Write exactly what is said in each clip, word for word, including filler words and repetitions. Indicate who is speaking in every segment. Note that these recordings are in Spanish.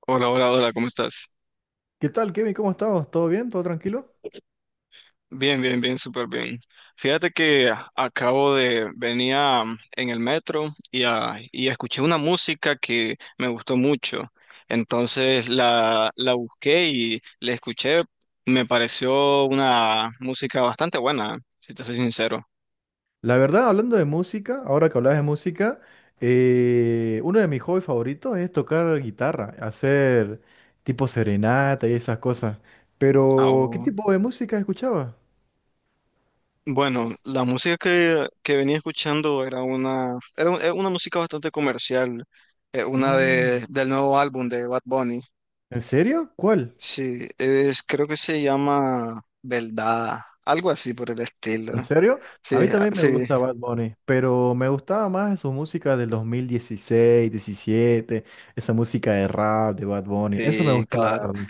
Speaker 1: Hola, hola, hola, ¿cómo estás?
Speaker 2: ¿Qué tal, Kevin? ¿Cómo estamos? ¿Todo bien? ¿Todo tranquilo?
Speaker 1: Bien, bien, bien, súper bien. Fíjate que a- acabo de venía mm, en el metro y, ah, y escuché una música que me gustó mucho. Entonces la, la busqué y la escuché. Me pareció una música bastante buena, si te soy sincero.
Speaker 2: La verdad, hablando de música, ahora que hablas de música, eh, uno de mis hobbies favoritos es tocar guitarra, hacer tipo serenata y esas cosas. Pero, ¿qué
Speaker 1: Au.
Speaker 2: tipo de música escuchaba?
Speaker 1: Bueno, la música que, que venía escuchando era una, era un- eh, una música bastante comercial, eh, una
Speaker 2: Mm,
Speaker 1: de, del nuevo álbum de Bad Bunny.
Speaker 2: ¿en serio? ¿Cuál?
Speaker 1: Sí, es, creo que se llama Beldada, algo así por el
Speaker 2: ¿En
Speaker 1: estilo.
Speaker 2: serio? A
Speaker 1: Sí,
Speaker 2: mí
Speaker 1: ah,
Speaker 2: también me
Speaker 1: sí,
Speaker 2: gusta Bad Bunny, pero me gustaba más su música del dos mil dieciséis, diecisiete, esa música de rap de Bad Bunny. Eso me
Speaker 1: sí,
Speaker 2: gustaba, la
Speaker 1: claro.
Speaker 2: verdad.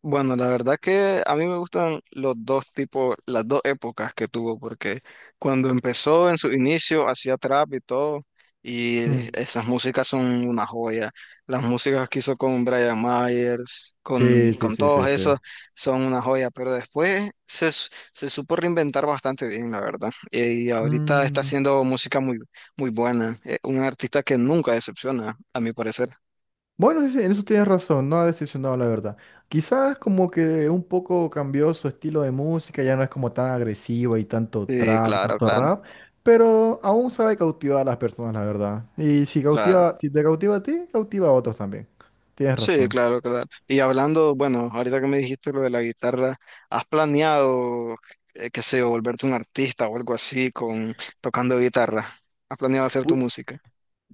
Speaker 1: Bueno, la verdad que a mí me gustan los dos tipos, las dos épocas que tuvo, porque cuando empezó en su inicio hacía trap y todo, y
Speaker 2: Mm.
Speaker 1: esas músicas son una joya. Las músicas que hizo con Brian Myers, con,
Speaker 2: Sí, sí,
Speaker 1: con
Speaker 2: sí,
Speaker 1: todos
Speaker 2: sí, sí.
Speaker 1: esos, son una joya, pero después se, s- se supo reinventar bastante bien, la verdad. Y ahorita está
Speaker 2: Mm,
Speaker 1: haciendo música muy, muy buena. Eh, Un artista que nunca decepciona, a mi parecer.
Speaker 2: bueno, sí, sí, en eso tienes razón, no ha decepcionado la verdad. Quizás como que un poco cambió su estilo de música, ya no es como tan agresiva y tanto
Speaker 1: Sí,
Speaker 2: trap y
Speaker 1: claro,
Speaker 2: tanto
Speaker 1: claro,
Speaker 2: rap, pero aún sabe cautivar a las personas, la verdad. Y si
Speaker 1: claro.
Speaker 2: cautiva, si te cautiva a ti, cautiva a otros también. Tienes
Speaker 1: Sí,
Speaker 2: razón.
Speaker 1: claro, claro. Y hablando, bueno, ahorita que me dijiste lo de la guitarra, ¿has planeado, eh, qué sé yo, volverte un artista o algo así con tocando guitarra? ¿Has planeado hacer tu
Speaker 2: Pu-
Speaker 1: música?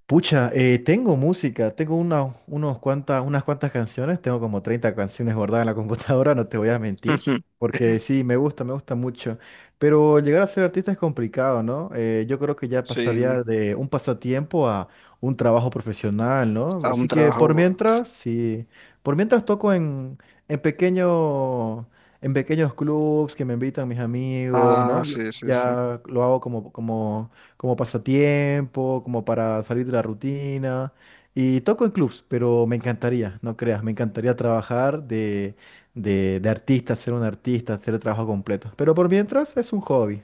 Speaker 2: Pucha, eh, tengo música, tengo una- unos cuanta- unas cuantas canciones, tengo como treinta canciones guardadas en la computadora, no te voy a mentir,
Speaker 1: Ujú.
Speaker 2: porque sí, me gusta, me gusta mucho, pero llegar a ser artista es complicado, ¿no? Eh, yo creo que ya
Speaker 1: Sí,
Speaker 2: pasaría de un pasatiempo a un trabajo profesional, ¿no?
Speaker 1: a un
Speaker 2: Así que por
Speaker 1: trabajo. Sí.
Speaker 2: mientras, sí, por mientras toco en, en pequeño, en pequeños clubs que me invitan mis amigos,
Speaker 1: Ah,
Speaker 2: ¿no? Lo-
Speaker 1: sí, sí, sí.
Speaker 2: Ya lo hago como, como como pasatiempo, como para salir de la rutina. Y toco en clubs, pero me encantaría, no creas, me encantaría trabajar de, de, de artista, ser un artista, hacer el trabajo completo. Pero por mientras es un hobby.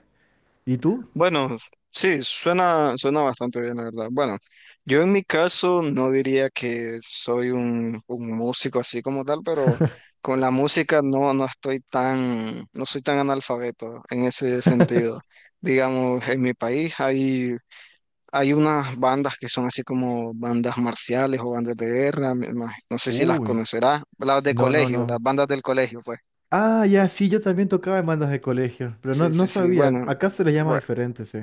Speaker 2: ¿Y tú?
Speaker 1: Bueno, sí, suena, suena bastante bien, la verdad. Bueno, yo en mi caso no diría que soy un, un músico así como tal, pero con la música no, no estoy tan, no soy tan analfabeto en ese sentido. Digamos, en mi país hay, hay unas bandas que son así como bandas marciales o bandas de guerra, me imag- no sé si las
Speaker 2: Uy,
Speaker 1: conocerás, las de
Speaker 2: no, no,
Speaker 1: colegio, las
Speaker 2: no.
Speaker 1: bandas del colegio, pues.
Speaker 2: Ah, ya, sí, yo también tocaba en bandas de colegio, pero no,
Speaker 1: Sí,
Speaker 2: no
Speaker 1: sí, sí,
Speaker 2: sabía.
Speaker 1: bueno.
Speaker 2: Acá se le llama
Speaker 1: bueno,
Speaker 2: diferente, sí.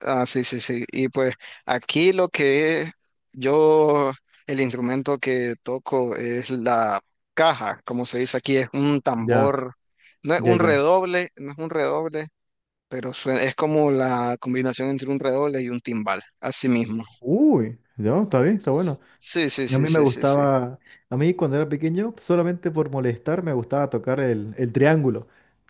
Speaker 1: Ah, sí, sí, sí. Y pues aquí lo que es- yo, el instrumento que toco es la caja, como se dice aquí, es un
Speaker 2: Ya,
Speaker 1: tambor, no es
Speaker 2: ya,
Speaker 1: un
Speaker 2: ya.
Speaker 1: redoble, no es un redoble, pero suena- es como la combinación entre un redoble y un timbal, así mismo.
Speaker 2: Uy, ya, está bien, está bueno.
Speaker 1: Sí, sí,
Speaker 2: A
Speaker 1: sí,
Speaker 2: mí me
Speaker 1: sí, sí, sí.
Speaker 2: gustaba, a mí cuando era pequeño, solamente por molestar, me gustaba tocar el, el triángulo.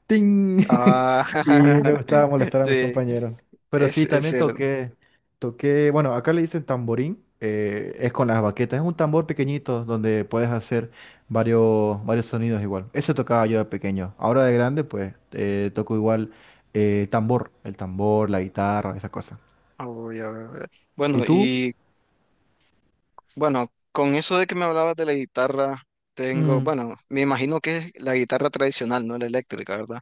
Speaker 2: ¡Ting!
Speaker 1: Ah,
Speaker 2: Y me gustaba molestar a mis
Speaker 1: sí,
Speaker 2: compañeros. Pero
Speaker 1: es,
Speaker 2: sí,
Speaker 1: es
Speaker 2: también
Speaker 1: cierto.
Speaker 2: toqué, toqué, bueno, acá le dicen tamborín, eh, es con las baquetas, es un tambor pequeñito donde puedes hacer varios, varios sonidos igual. Eso tocaba yo de pequeño. Ahora de grande, pues, eh, toco igual eh, tambor, el tambor, la guitarra, esas cosas.
Speaker 1: Ah, voy a ver.
Speaker 2: ¿Y
Speaker 1: Bueno,
Speaker 2: tú?
Speaker 1: y Bueno, con eso de que me hablabas de la guitarra, tengo,
Speaker 2: Mm.
Speaker 1: bueno, me imagino que es la guitarra tradicional, no la eléctrica, ¿verdad?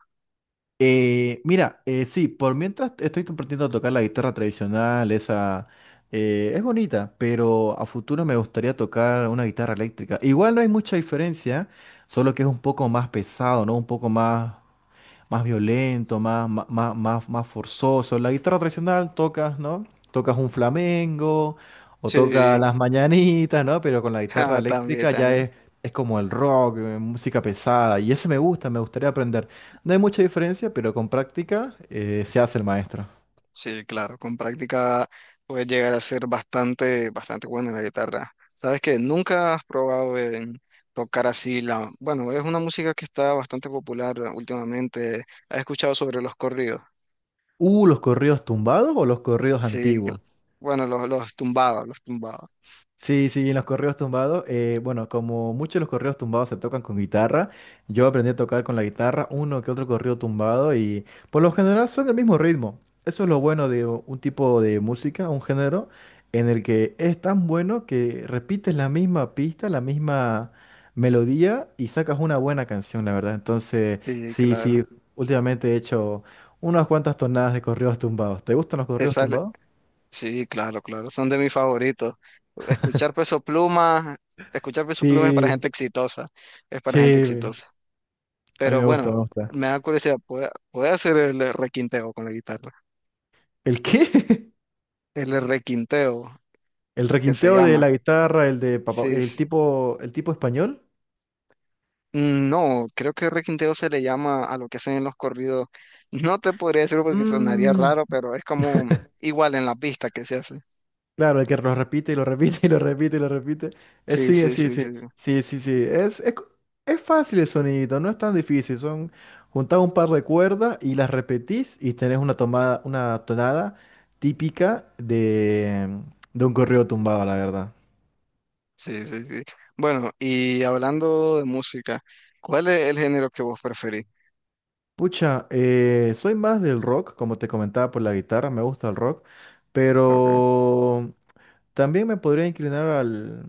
Speaker 2: Eh, mira, eh, sí, por mientras estoy aprendiendo a tocar la guitarra tradicional, esa eh, es bonita, pero a futuro me gustaría tocar una guitarra eléctrica. Igual no hay mucha diferencia, solo que es un poco más pesado, ¿no? Un poco más más violento, más, más, más, más- más forzoso. La guitarra tradicional tocas, ¿no? Tocas un flamengo o tocas
Speaker 1: Sí,
Speaker 2: las mañanitas, ¿no? Pero con la guitarra
Speaker 1: ah, también,
Speaker 2: eléctrica ya
Speaker 1: también.
Speaker 2: es, es como el rock, eh, música pesada. Y ese me gusta, me gustaría aprender. No hay mucha diferencia, pero con práctica eh, se hace el maestro.
Speaker 1: Sí, claro, con práctica puedes llegar a ser bastante, bastante bueno en la guitarra. ¿Sabes que nunca has probado en tocar así la, bueno, es una música que está bastante popular últimamente? ¿Has escuchado sobre los corridos?
Speaker 2: Uh, ¿los corridos tumbados o los corridos
Speaker 1: Sí, que-
Speaker 2: antiguos?
Speaker 1: bueno, los, los tumbados, los tumbados.
Speaker 2: Sí, sí, en los correos tumbados, eh, bueno, como muchos de los correos tumbados se tocan con guitarra, yo aprendí a tocar con la guitarra uno que otro correo tumbado y por lo general son el mismo ritmo. Eso es lo bueno de u- un tipo de música, un género, en el que es tan bueno que repites la misma pista, la misma melodía y sacas una buena canción, la verdad. Entonces,
Speaker 1: Sí,
Speaker 2: sí,
Speaker 1: claro.
Speaker 2: sí, últimamente he hecho unas cuantas tonadas de correos tumbados. ¿Te gustan los
Speaker 1: Te
Speaker 2: correos
Speaker 1: sale.
Speaker 2: tumbados?
Speaker 1: Sí, claro, claro, son de mis favoritos. Escuchar Peso Pluma, escuchar Peso Pluma es para
Speaker 2: Sí,
Speaker 1: gente exitosa, es para gente
Speaker 2: sí.
Speaker 1: exitosa.
Speaker 2: A mí
Speaker 1: Pero
Speaker 2: me gusta,
Speaker 1: bueno,
Speaker 2: me gusta.
Speaker 1: me da curiosidad, ¿puede, puede hacer el requinteo con la guitarra?
Speaker 2: ¿El qué?
Speaker 1: El requinteo,
Speaker 2: El
Speaker 1: que se
Speaker 2: requinteo de
Speaker 1: llama.
Speaker 2: la guitarra, el de papá,
Speaker 1: Sí,
Speaker 2: el
Speaker 1: sí.
Speaker 2: tipo, el tipo español.
Speaker 1: No, creo que requinteo se le llama a lo que hacen en los corridos. No te podría decir porque sonaría
Speaker 2: Mm,
Speaker 1: raro, pero es como igual en la pista que se hace.
Speaker 2: claro, el que lo repite y lo repite y lo repite y lo repite. Es,
Speaker 1: Sí,
Speaker 2: sí,
Speaker 1: sí,
Speaker 2: sí,
Speaker 1: sí,
Speaker 2: sí,
Speaker 1: sí.
Speaker 2: sí, sí, sí. Es, es, co- es fácil el sonidito, no es tan difícil. Son juntar un par de cuerdas y las repetís y tenés una tomada, una tonada típica de, de un corrido tumbado, la verdad.
Speaker 1: Sí, sí, sí. Bueno, y hablando de música, ¿cuál es el género que vos preferís?
Speaker 2: Pucha, eh, soy más del rock, como te comentaba por la guitarra, me gusta el rock,
Speaker 1: Okay.
Speaker 2: pero también me podría inclinar al,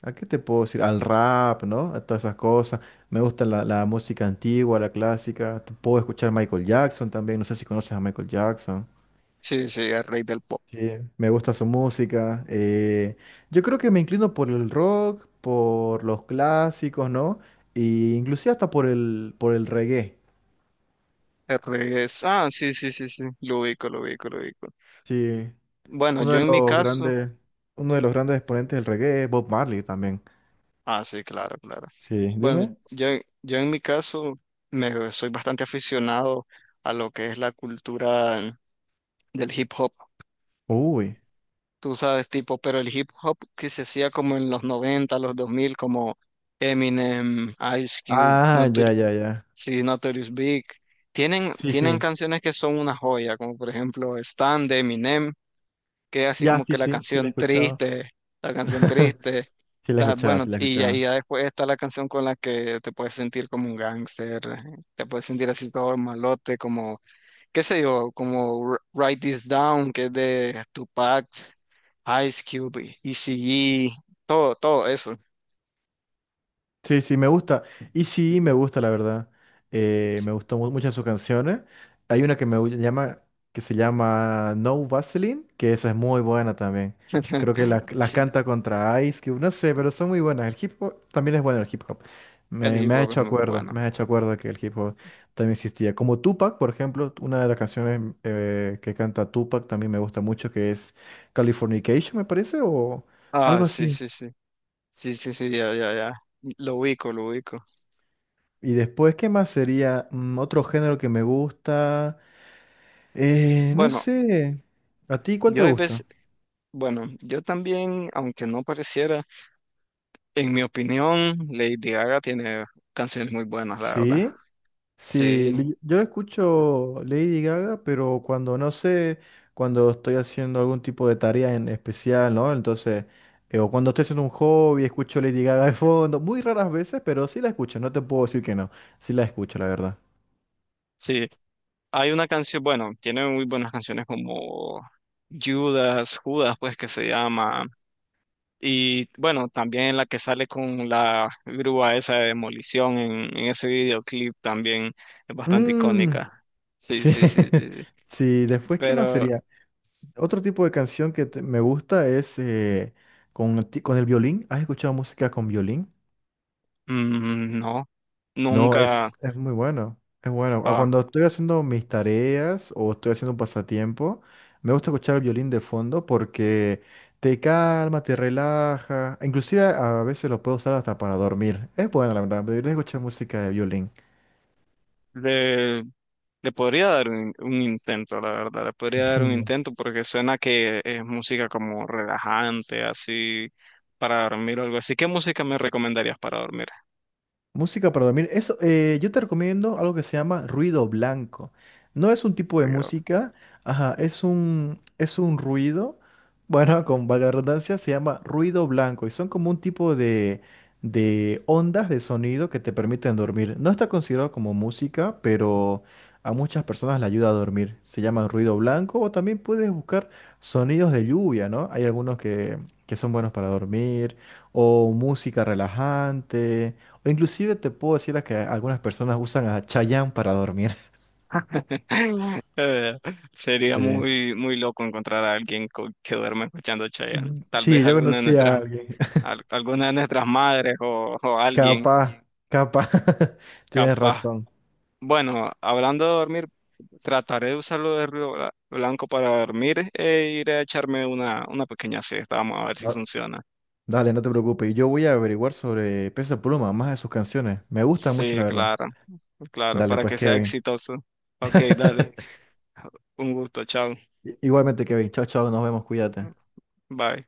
Speaker 2: ¿a qué te puedo decir? Al rap, ¿no? A todas esas cosas. Me gusta la, la música antigua, la clásica. Te puedo escuchar Michael Jackson también, no sé si conoces a Michael Jackson.
Speaker 1: Sí, sí, el rey del pop.
Speaker 2: Sí, me gusta su música. Eh, yo creo que me inclino por el rock, por los clásicos, ¿no? E inclusive hasta por el, por el reggae.
Speaker 1: El rey es. Ah, sí, sí, sí, sí. Lo ubico, lo ubico, lo ubico.
Speaker 2: Sí.
Speaker 1: Bueno,
Speaker 2: Uno
Speaker 1: yo
Speaker 2: de
Speaker 1: en mi
Speaker 2: los
Speaker 1: caso.
Speaker 2: grandes, uno de los grandes exponentes del reggae es Bob Marley también.
Speaker 1: Ah, sí, claro, claro.
Speaker 2: Sí,
Speaker 1: Bueno,
Speaker 2: dime.
Speaker 1: yo, yo en mi caso me soy bastante aficionado a lo que es la cultura del hip hop.
Speaker 2: Uy.
Speaker 1: Tú sabes, tipo, pero el hip hop que se hacía como en los noventa, los dos mil, como Eminem, Ice Cube.
Speaker 2: Ah, ya, ya, ya.
Speaker 1: Sí, Notorious Big. Tienen,
Speaker 2: Sí,
Speaker 1: tienen
Speaker 2: sí.
Speaker 1: canciones que son una joya, como por ejemplo Stan de Eminem, que es así
Speaker 2: Ya,
Speaker 1: como
Speaker 2: sí,
Speaker 1: que la
Speaker 2: sí, sí la he
Speaker 1: canción
Speaker 2: escuchado.
Speaker 1: triste, la canción triste.
Speaker 2: Sí la he
Speaker 1: ta-
Speaker 2: escuchado,
Speaker 1: bueno,
Speaker 2: sí la he
Speaker 1: y ya, y
Speaker 2: escuchado.
Speaker 1: ya después está la canción con la que te puedes sentir como un gángster, te puedes sentir así todo malote, como, qué sé yo, como R- Write This Down, que es de Tupac, Ice Cube, E C E, todo, todo eso.
Speaker 2: Sí, sí, me gusta. Y sí, me gusta, la verdad. Eh, me gustó mu- muchas sus canciones. Hay una que me gu- llama, que se llama No Vaseline, que esa es muy buena también. Creo que la- las
Speaker 1: Sí,
Speaker 2: canta contra Ice Cube, no sé, pero son muy buenas. El hip hop también es bueno el hip hop.
Speaker 1: el
Speaker 2: Me,
Speaker 1: hip
Speaker 2: me ha
Speaker 1: hop es
Speaker 2: hecho
Speaker 1: muy
Speaker 2: acuerdo,
Speaker 1: bueno.
Speaker 2: me ha hecho acuerdo que el hip hop también existía. Como Tupac, por ejemplo, una de las canciones eh, que canta Tupac también me gusta mucho, que es Californication, me parece, o
Speaker 1: Ah,
Speaker 2: algo
Speaker 1: sí,
Speaker 2: así.
Speaker 1: sí, sí. Sí, sí, sí, ya, ya, ya. Lo ubico, lo ubico.
Speaker 2: Y después, ¿qué más sería? Mm, otro género que me gusta. Eh, no
Speaker 1: Bueno,
Speaker 2: sé. ¿A ti cuál te
Speaker 1: yo hay
Speaker 2: gusta?
Speaker 1: veces, bueno, yo también, aunque no pareciera, en mi opinión, Lady Gaga tiene canciones muy buenas, la verdad.
Speaker 2: Sí, sí.
Speaker 1: Sí,
Speaker 2: li- Yo escucho Lady Gaga, pero cuando no sé, cuando estoy haciendo algún tipo de tarea en especial, ¿no? Entonces, eh, o cuando estoy haciendo un hobby, escucho Lady Gaga de fondo. Muy raras veces, pero sí la escucho. No te puedo decir que no. Sí la escucho, la verdad.
Speaker 1: sí. Hay una canción, bueno, tiene muy buenas canciones como Judas, Judas, pues que se llama. Y bueno, también la que sale con la grúa esa de demolición en, en ese videoclip también es bastante
Speaker 2: Mm,
Speaker 1: icónica. Sí,
Speaker 2: sí.
Speaker 1: sí, sí, sí. Sí.
Speaker 2: Sí. Después, ¿qué más
Speaker 1: Pero
Speaker 2: sería? Otro tipo de canción que te- me gusta es eh, con, ti- con el violín. ¿Has escuchado música con violín?
Speaker 1: mm, no,
Speaker 2: No, mm,
Speaker 1: nunca.
Speaker 2: es, es muy bueno. Es bueno. Ah,
Speaker 1: ah,
Speaker 2: cuando estoy haciendo mis tareas o estoy haciendo un pasatiempo, me gusta escuchar el violín de fondo porque te calma, te relaja. Inclusive a veces lo puedo usar hasta para dormir. Es bueno, la verdad. Deberías escuchar música de violín.
Speaker 1: le, le podría dar un, un intento, la verdad. Le podría dar un intento porque suena que es música como relajante, así para dormir o algo así. ¿Qué música me recomendarías para dormir?
Speaker 2: Música para dormir. Eso, eh, yo te recomiendo algo que se llama ruido blanco. No es un tipo de
Speaker 1: Porque yo-
Speaker 2: música, ajá, es un, es un ruido, bueno, con valga la redundancia, se llama ruido blanco y son como un tipo de, de ondas de sonido que te permiten dormir. No está considerado como música, pero a muchas personas le ayuda a dormir. Se llama ruido blanco o también puedes buscar sonidos de lluvia, ¿no? Hay algunos que, que son buenos para dormir o música relajante. O inclusive te puedo decir a que algunas personas usan a Chayanne para dormir.
Speaker 1: Eh, sería
Speaker 2: Sí.
Speaker 1: muy, muy loco encontrar a alguien co- que duerma escuchando Chayanne. Tal vez
Speaker 2: Sí, yo
Speaker 1: alguna de
Speaker 2: conocí a
Speaker 1: nuestras,
Speaker 2: alguien.
Speaker 1: al- alguna de nuestras madres o, o alguien
Speaker 2: Capaz, capaz. Tienes
Speaker 1: capaz.
Speaker 2: razón.
Speaker 1: Bueno, hablando de dormir, trataré de usarlo de ruido bla- blanco para dormir e iré a echarme una, una pequeña siesta. Vamos a ver si
Speaker 2: Da-
Speaker 1: funciona.
Speaker 2: Dale, no te preocupes. Yo voy a averiguar sobre Peso Pluma, más de sus canciones. Me gustan mucho,
Speaker 1: Sí,
Speaker 2: la verdad.
Speaker 1: claro, claro,
Speaker 2: Dale,
Speaker 1: para
Speaker 2: pues,
Speaker 1: que sea
Speaker 2: Kevin.
Speaker 1: exitoso. Ok, dale. Un gusto, chao.
Speaker 2: Igualmente, Kevin. Chao, chao. Nos vemos. Cuídate.
Speaker 1: Bye.